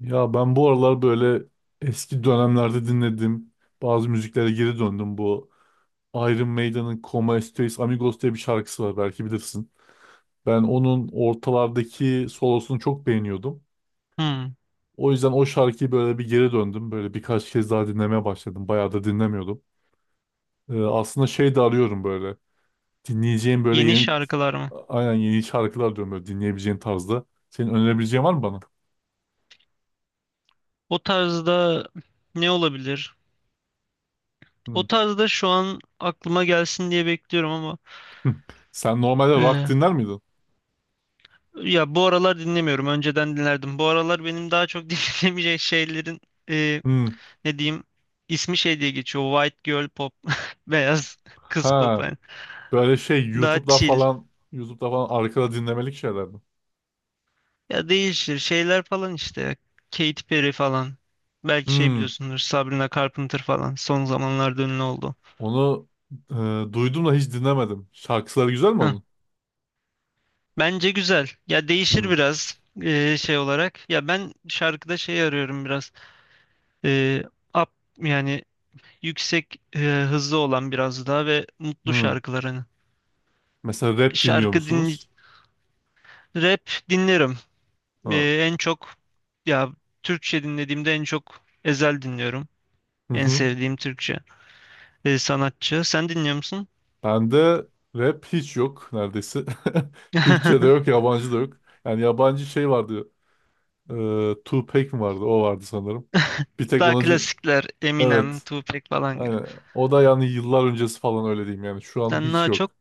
Ya ben bu aralar böyle eski dönemlerde dinlediğim bazı müziklere geri döndüm. Bu Iron Maiden'ın Como Estais Amigos diye bir şarkısı var, belki bilirsin. Ben onun ortalardaki solosunu çok beğeniyordum. Hmm, O yüzden o şarkıyı böyle bir geri döndüm. Böyle birkaç kez daha dinlemeye başladım. Bayağı da dinlemiyordum. Aslında şey de arıyorum böyle. Dinleyeceğim böyle yeni yeni, şarkılar mı? aynen yeni şarkılar diyorum, böyle dinleyebileceğin tarzda. Senin önerebileceğin var mı bana? O tarzda ne olabilir? O Hmm. tarzda şu an aklıma gelsin diye bekliyorum ama Sen normalde rock e, dinler miydin? ya bu aralar dinlemiyorum. Önceden dinlerdim. Bu aralar benim daha çok dinlemeyecek şeylerin e, Hmm. ne diyeyim ismi şey diye geçiyor. White girl pop, beyaz kız pop Ha. yani. Böyle şey Daha YouTube'da chill. falan YouTube'da falan arkada dinlemelik şeyler mi? Ya değişir şeyler falan işte. Katy Perry falan. Belki şey Hmm. biliyorsundur Sabrina Carpenter falan. Son zamanlarda ünlü oldu. Onu duydum da hiç dinlemedim. Şarkıları güzel mi onun? Bence güzel. Ya Hmm. değişir biraz şey olarak. Ya ben şarkıda şey arıyorum biraz. Eee up yani yüksek hızlı olan biraz daha ve mutlu Hmm. şarkılarını. Mesela rap dinliyor Şarkı din musunuz? Rap dinlerim. Ha. En çok ya Türkçe dinlediğimde en çok Ezel dinliyorum. Hı En hı. sevdiğim Türkçe sanatçı. Sen dinliyor musun? Bende rap hiç yok neredeyse. Türkçe de yok, yabancı da yok. Yani yabancı şey vardı. E, Tupac mi vardı? O vardı sanırım. Bir tek Daha onu din- klasikler Eminem, Evet. Tupac falan. Aynen. O da yani yıllar öncesi falan, öyle diyeyim yani. Şu an Sen hiç daha çok yok.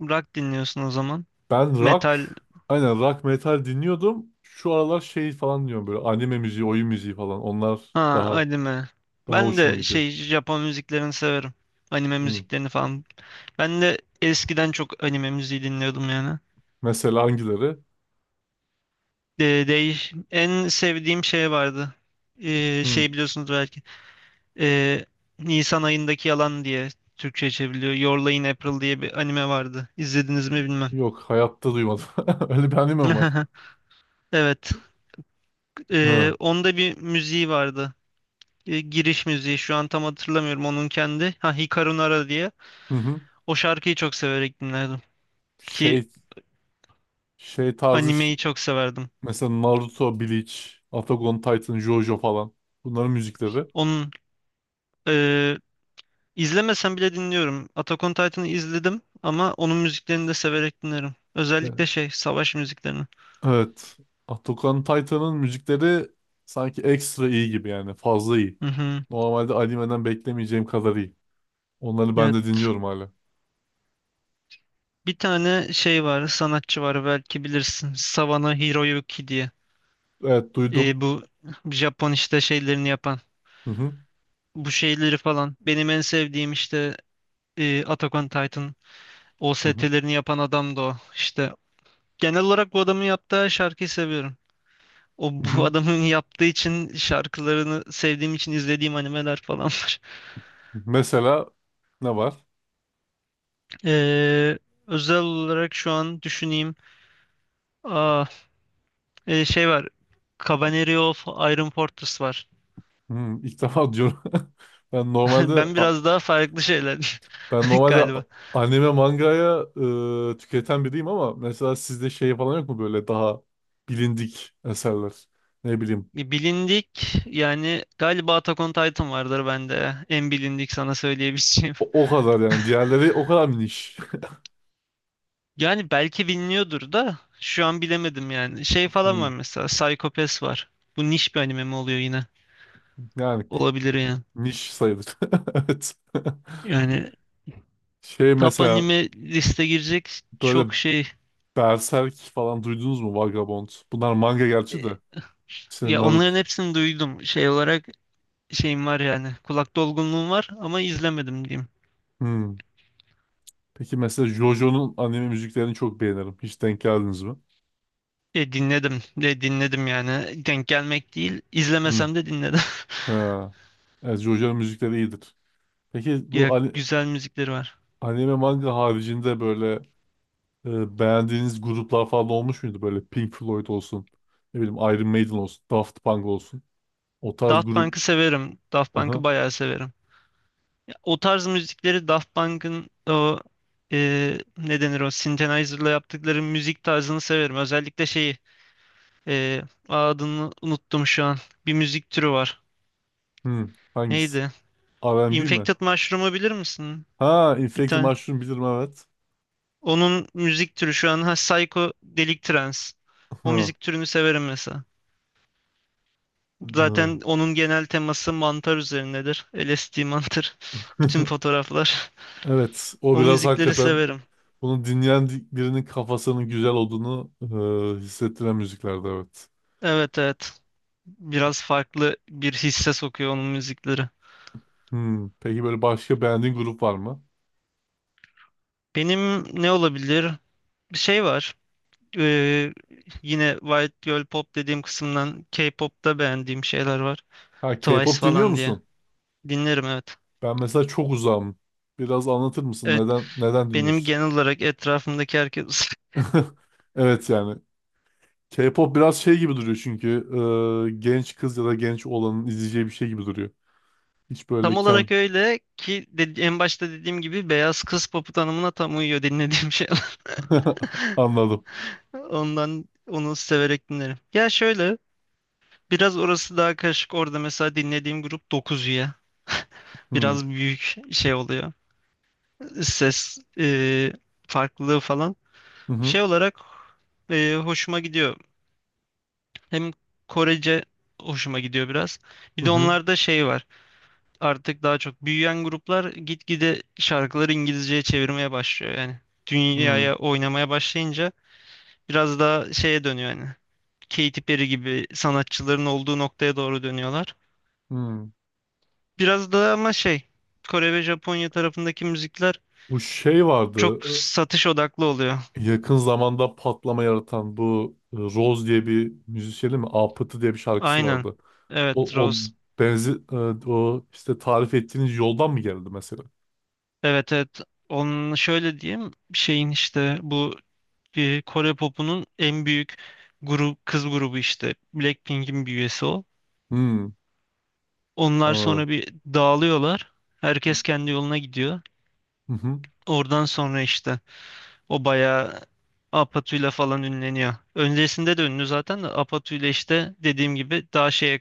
rock dinliyorsun o zaman. Ben rock, Metal. aynen rock metal dinliyordum. Şu aralar şey falan diyorum, böyle anime müziği, oyun müziği falan. Onlar Ha, daha anime. Ben hoşuma de gidiyor. şey Japon müziklerini severim. Anime Hı. müziklerini falan. Ben de eskiden çok anime müziği dinliyordum yani. Mesela hangileri? De, değiş En sevdiğim şey vardı. Hı. Şey biliyorsunuz belki. Ee, Nisan ayındaki yalan diye Türkçe çevriliyor. Your Lie in April diye bir anime vardı. İzlediniz mi bilmem. Yok, hayatta duymadım. Öyle bir anime mi var? Evet. Ha. Onda bir müziği vardı. Giriş müziği. Şu an tam hatırlamıyorum onun kendi. Ha, Hikaru Nara diye. Hı hı. O şarkıyı çok severek dinlerdim ki Şey şey tarzı ş- animeyi çok severdim. mesela Naruto, Bleach, Attack on Titan, JoJo falan. Bunların müzikleri. Onun e, izlemesem bile dinliyorum. Attack on Titan'ı izledim ama onun müziklerini de severek dinlerim. Özellikle E- şey savaş müziklerini. Evet. Attack on Titan'ın müzikleri sanki ekstra iyi gibi, yani fazla iyi. Hı hı. Normalde animeden beklemeyeceğim kadar iyi. Onları ben de Evet. dinliyorum hala. Bir tane şey var, sanatçı var belki bilirsin. Savano Hiroyuki diye. Evet, duydum. Bu Japon işte şeylerini yapan. Hı hı. Bu şeyleri falan. Benim en sevdiğim işte Attack on Titan Hı hı. OST'lerini yapan adam da o. İşte genel olarak bu adamın yaptığı her şarkıyı seviyorum. O Hı bu hı. adamın yaptığı için şarkılarını sevdiğim için izlediğim animeler falan var. Mesela ne var? Ee, Özel olarak şu an düşüneyim. Aa, Şey var. Cavalry of Iron Fortress var. Hı, ilk defa diyorum. Ben normalde Ben a- biraz daha farklı şeyler ben normalde a- galiba. anime mangaya tüketen biriyim, ama mesela sizde şey falan yok mu, böyle daha bilindik eserler? Ne bileyim. Bilindik yani galiba Attack on Titan vardır bende. En bilindik sana söyleyebileceğim. O kadar yani. Diğerleri o kadar mı niş? Yani belki biliniyordur da şu an bilemedim yani. Şey falan var Hı, mesela Psycho Pass var. Bu niş bir anime mi oluyor yine? yani Olabilir yani. niş sayılır. Evet. Yani Şey top mesela anime liste girecek böyle çok şey Berserk falan duydunuz mu? Vagabond. Bunlar manga gerçi e, de. İşte ya Naruto. onların hepsini duydum şey olarak şeyim var yani kulak dolgunluğum var ama izlemedim diyeyim. Hmm. Peki mesela JoJo'nun anime müziklerini çok beğenirim. Hiç denk geldiniz mi? Dinledim de dinledim yani denk gelmek değil Hmm. izlemesem de dinledim. Ha. Evet, JoJo'nun müzikleri iyidir. Peki Ya bu ani- güzel müzikleri var. anime manga haricinde böyle beğendiğiniz gruplar falan olmuş muydu? Böyle Pink Floyd olsun, ne bileyim Iron Maiden olsun, Daft Punk olsun. O tarz Daft grup. Punk'ı severim. Daft Punk'ı Aha. bayağı severim. Ya, o tarz müzikleri Daft Punk'ın o ne denir o Synthesizer'la yaptıkları müzik tarzını severim. Özellikle şeyi e, adını unuttum şu an. Bir müzik türü var. Hmm. Hangisi? Neydi? R&B mi? Infected Mushroom'u bilir misin? Ha, Bir Infected tane. Mushroom bilirim, evet. Onun müzik türü şu an ha, Psycho Delik Trance. O Ha. müzik türünü severim mesela. Ha. Zaten onun genel teması mantar üzerinedir. LSD mantar. Bütün fotoğraflar. Evet, o O biraz müzikleri hakikaten. severim. Birinin kafasının güzel olduğunu hissettiren müziklerde, evet. Evet, evet. Biraz farklı bir hisse sokuyor onun müzikleri. Hmm. Peki böyle başka beğendiğin grup var mı? Benim ne olabilir? Bir şey var. Ee, Yine White Girl Pop dediğim kısımdan K-pop'ta beğendiğim şeyler var. Ha, Twice K-pop dinliyor falan diye. musun? Dinlerim, evet. Ben mesela çok uzağım. Biraz anlatır mısın? Evet, Neden benim dinliyorsun? genel olarak etrafımdaki herkes Evet yani. K-pop biraz şey gibi duruyor, çünkü genç kız ya da genç olanın izleyeceği bir şey gibi duruyor. Hiç tam böyle ken olarak öyle ki en başta dediğim gibi beyaz kız popu tanımına tam uyuyor dinlediğim şeyler. anladım. Ondan onu severek dinlerim. Ya şöyle biraz orası daha karışık. Orada mesela dinlediğim grup 9 üye. Hmm. Biraz büyük şey oluyor. Ses farklılığı falan. Hı hı. Şey olarak hoşuma gidiyor. Hem Korece hoşuma gidiyor biraz. Hı Bir de hı. onlarda şey var. Artık daha çok büyüyen gruplar gitgide şarkıları İngilizceye çevirmeye başlıyor yani. Hı Dünyaya oynamaya başlayınca biraz daha şeye dönüyor yani. Katy Perry gibi sanatçıların olduğu noktaya doğru dönüyorlar. hı. Biraz da ama şey Kore ve Japonya tarafındaki müzikler Bu şey vardı. çok satış odaklı oluyor. Yakın zamanda patlama yaratan bu Rose diye bir müzisyenin mi? Apıtı diye bir şarkısı Aynen. vardı. Evet, O, o Rose. benzi e, o işte tarif ettiğiniz yoldan mı geldi mesela? Evet, evet. Onun şöyle diyeyim şeyin işte bu Kore popunun en büyük grup kız grubu işte Blackpink'in bir üyesi o. Hmm, Onlar sonra anladım. bir dağılıyorlar. Hı Herkes kendi yoluna gidiyor. hı. Hı. Oradan sonra işte o bayağı Apatu'yla falan ünleniyor. Öncesinde de ünlü zaten de Apatu'yla işte dediğim gibi daha şeye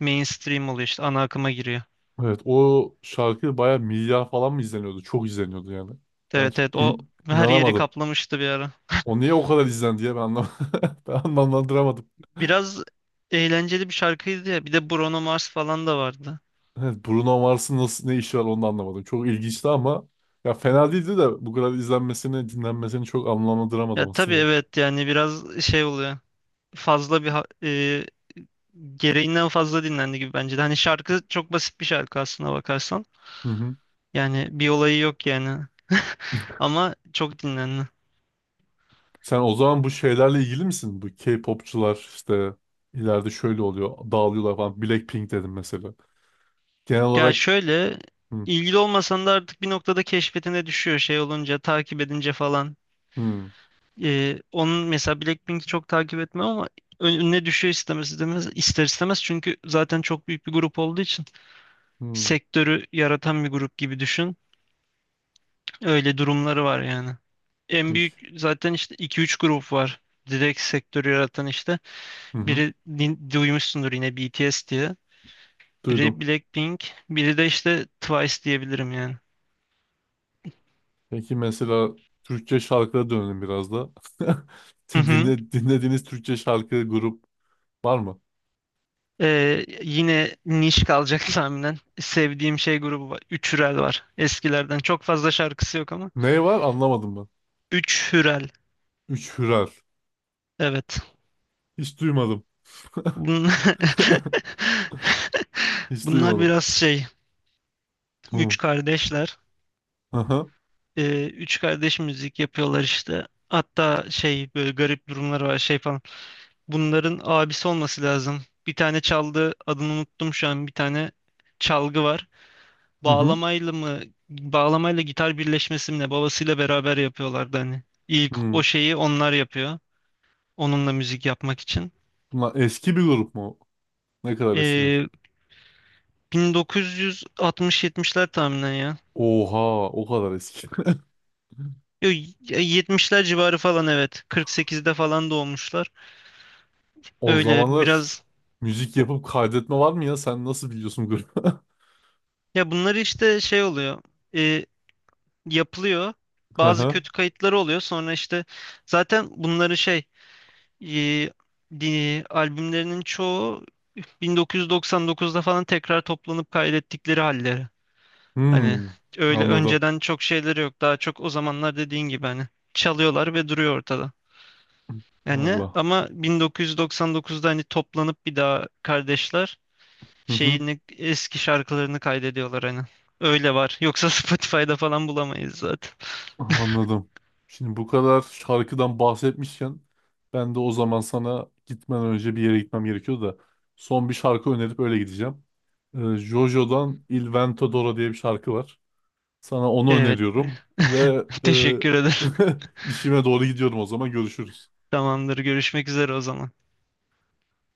mainstream oluyor işte ana akıma giriyor. Evet, o şarkı baya milyar falan mı izleniyordu? Çok izleniyordu yani. Evet, evet, o her yeri İnanamadım. kaplamıştı bir ara. O niye o kadar izlendi diye ben anlam ben anlamlandıramadım. Biraz eğlenceli bir şarkıydı ya. Bir de Bruno Mars falan da vardı. Evet, Bruno Mars'ın nasıl ne işi var, onu da anlamadım. Çok ilginçti ama, ya fena değildi de, bu kadar izlenmesini, dinlenmesini çok anlamlandıramadım Ya tabii aslında. evet yani biraz şey oluyor. Fazla bir gereğinden fazla dinlendi gibi bence de. Hani şarkı çok basit bir şarkı aslına bakarsan. Hı hı. Yani bir olayı yok yani. Ama çok dinlendi. Sen o zaman bu şeylerle ilgili misin? Bu K-popçular işte ileride şöyle oluyor, dağılıyorlar falan. Blackpink dedim mesela. Genel Ya olarak. şöyle Hı ilgili olmasan da artık bir noktada keşfetine düşüyor şey olunca takip edince falan. hı. Onun mesela Blackpink'i çok takip etmem ama önüne düşüyor istemez istemez ister istemez çünkü zaten çok büyük bir grup olduğu için Hı. sektörü yaratan bir grup gibi düşün. Öyle durumları var yani. En Peki. büyük zaten işte iki üç grup var. Direkt sektörü yaratan işte. Hı hı. Biri duymuşsundur yine BTS diye. Biri Duydum. Blackpink, biri de işte Twice diyebilirim yani. Peki mesela Türkçe şarkılara dönelim biraz da. Hı hı. Dinlediğiniz Türkçe şarkı grup var mı? Yine niş kalacak tahminen. Sevdiğim şey grubu var. Üç Hürel var. Eskilerden. Çok fazla şarkısı yok ama. Ne var, anlamadım ben. Üç Hürel. Üç Hürer. Evet. Hiç duymadım. Bun- Hiç Bunlar duymadım. biraz şey. Hı. Üç kardeşler. Aha. Üç kardeş müzik yapıyorlar işte. Hatta şey böyle garip durumları var şey falan. Bunların abisi olması lazım. Bir tane çaldığı adını unuttum şu an. Bir tane çalgı var. Hı hı. Bağlamayla mı bağlamayla gitar birleşmesi mi ne babasıyla beraber yapıyorlardı hani. İlk o Hı. şeyi onlar yapıyor. Onunla müzik yapmak için. Bunlar eski bir grup mu? Ne kadar eskiler? Ee, 1960-70'ler tahminen ya. Oha, o kadar eski. Yo, 70'ler civarı falan evet. 48'de falan doğmuşlar. O Öyle zamanlar biraz müzik yapıp kaydetme var mı ya? Sen nasıl biliyorsun grubu? ya bunları işte şey oluyor. Ee, Yapılıyor. Hı Bazı hı. kötü kayıtları oluyor. Sonra işte zaten bunları şey e, albümlerinin çoğu 1999'da falan tekrar toplanıp kaydettikleri halleri. Hani Hmm, öyle anladım. önceden çok şeyleri yok. Daha çok o zamanlar dediğin gibi hani çalıyorlar ve duruyor ortada. Yani Vallahi. ama 1999'da hani toplanıp bir daha kardeşler Hı hı. şeyini eski şarkılarını kaydediyorlar hani. Öyle var. Yoksa Spotify'da falan bulamayız zaten. Anladım. Şimdi bu kadar şarkıdan bahsetmişken ben de o zaman, sana gitmeden önce bir yere gitmem gerekiyor da, son bir şarkı önerip öyle gideceğim. Jojo'dan Il Vento d'Oro diye bir şarkı var. Sana onu Evet. öneriyorum ve Teşekkür ederim. e, işime doğru gidiyorum, o zaman görüşürüz. Tamamdır. Görüşmek üzere o zaman.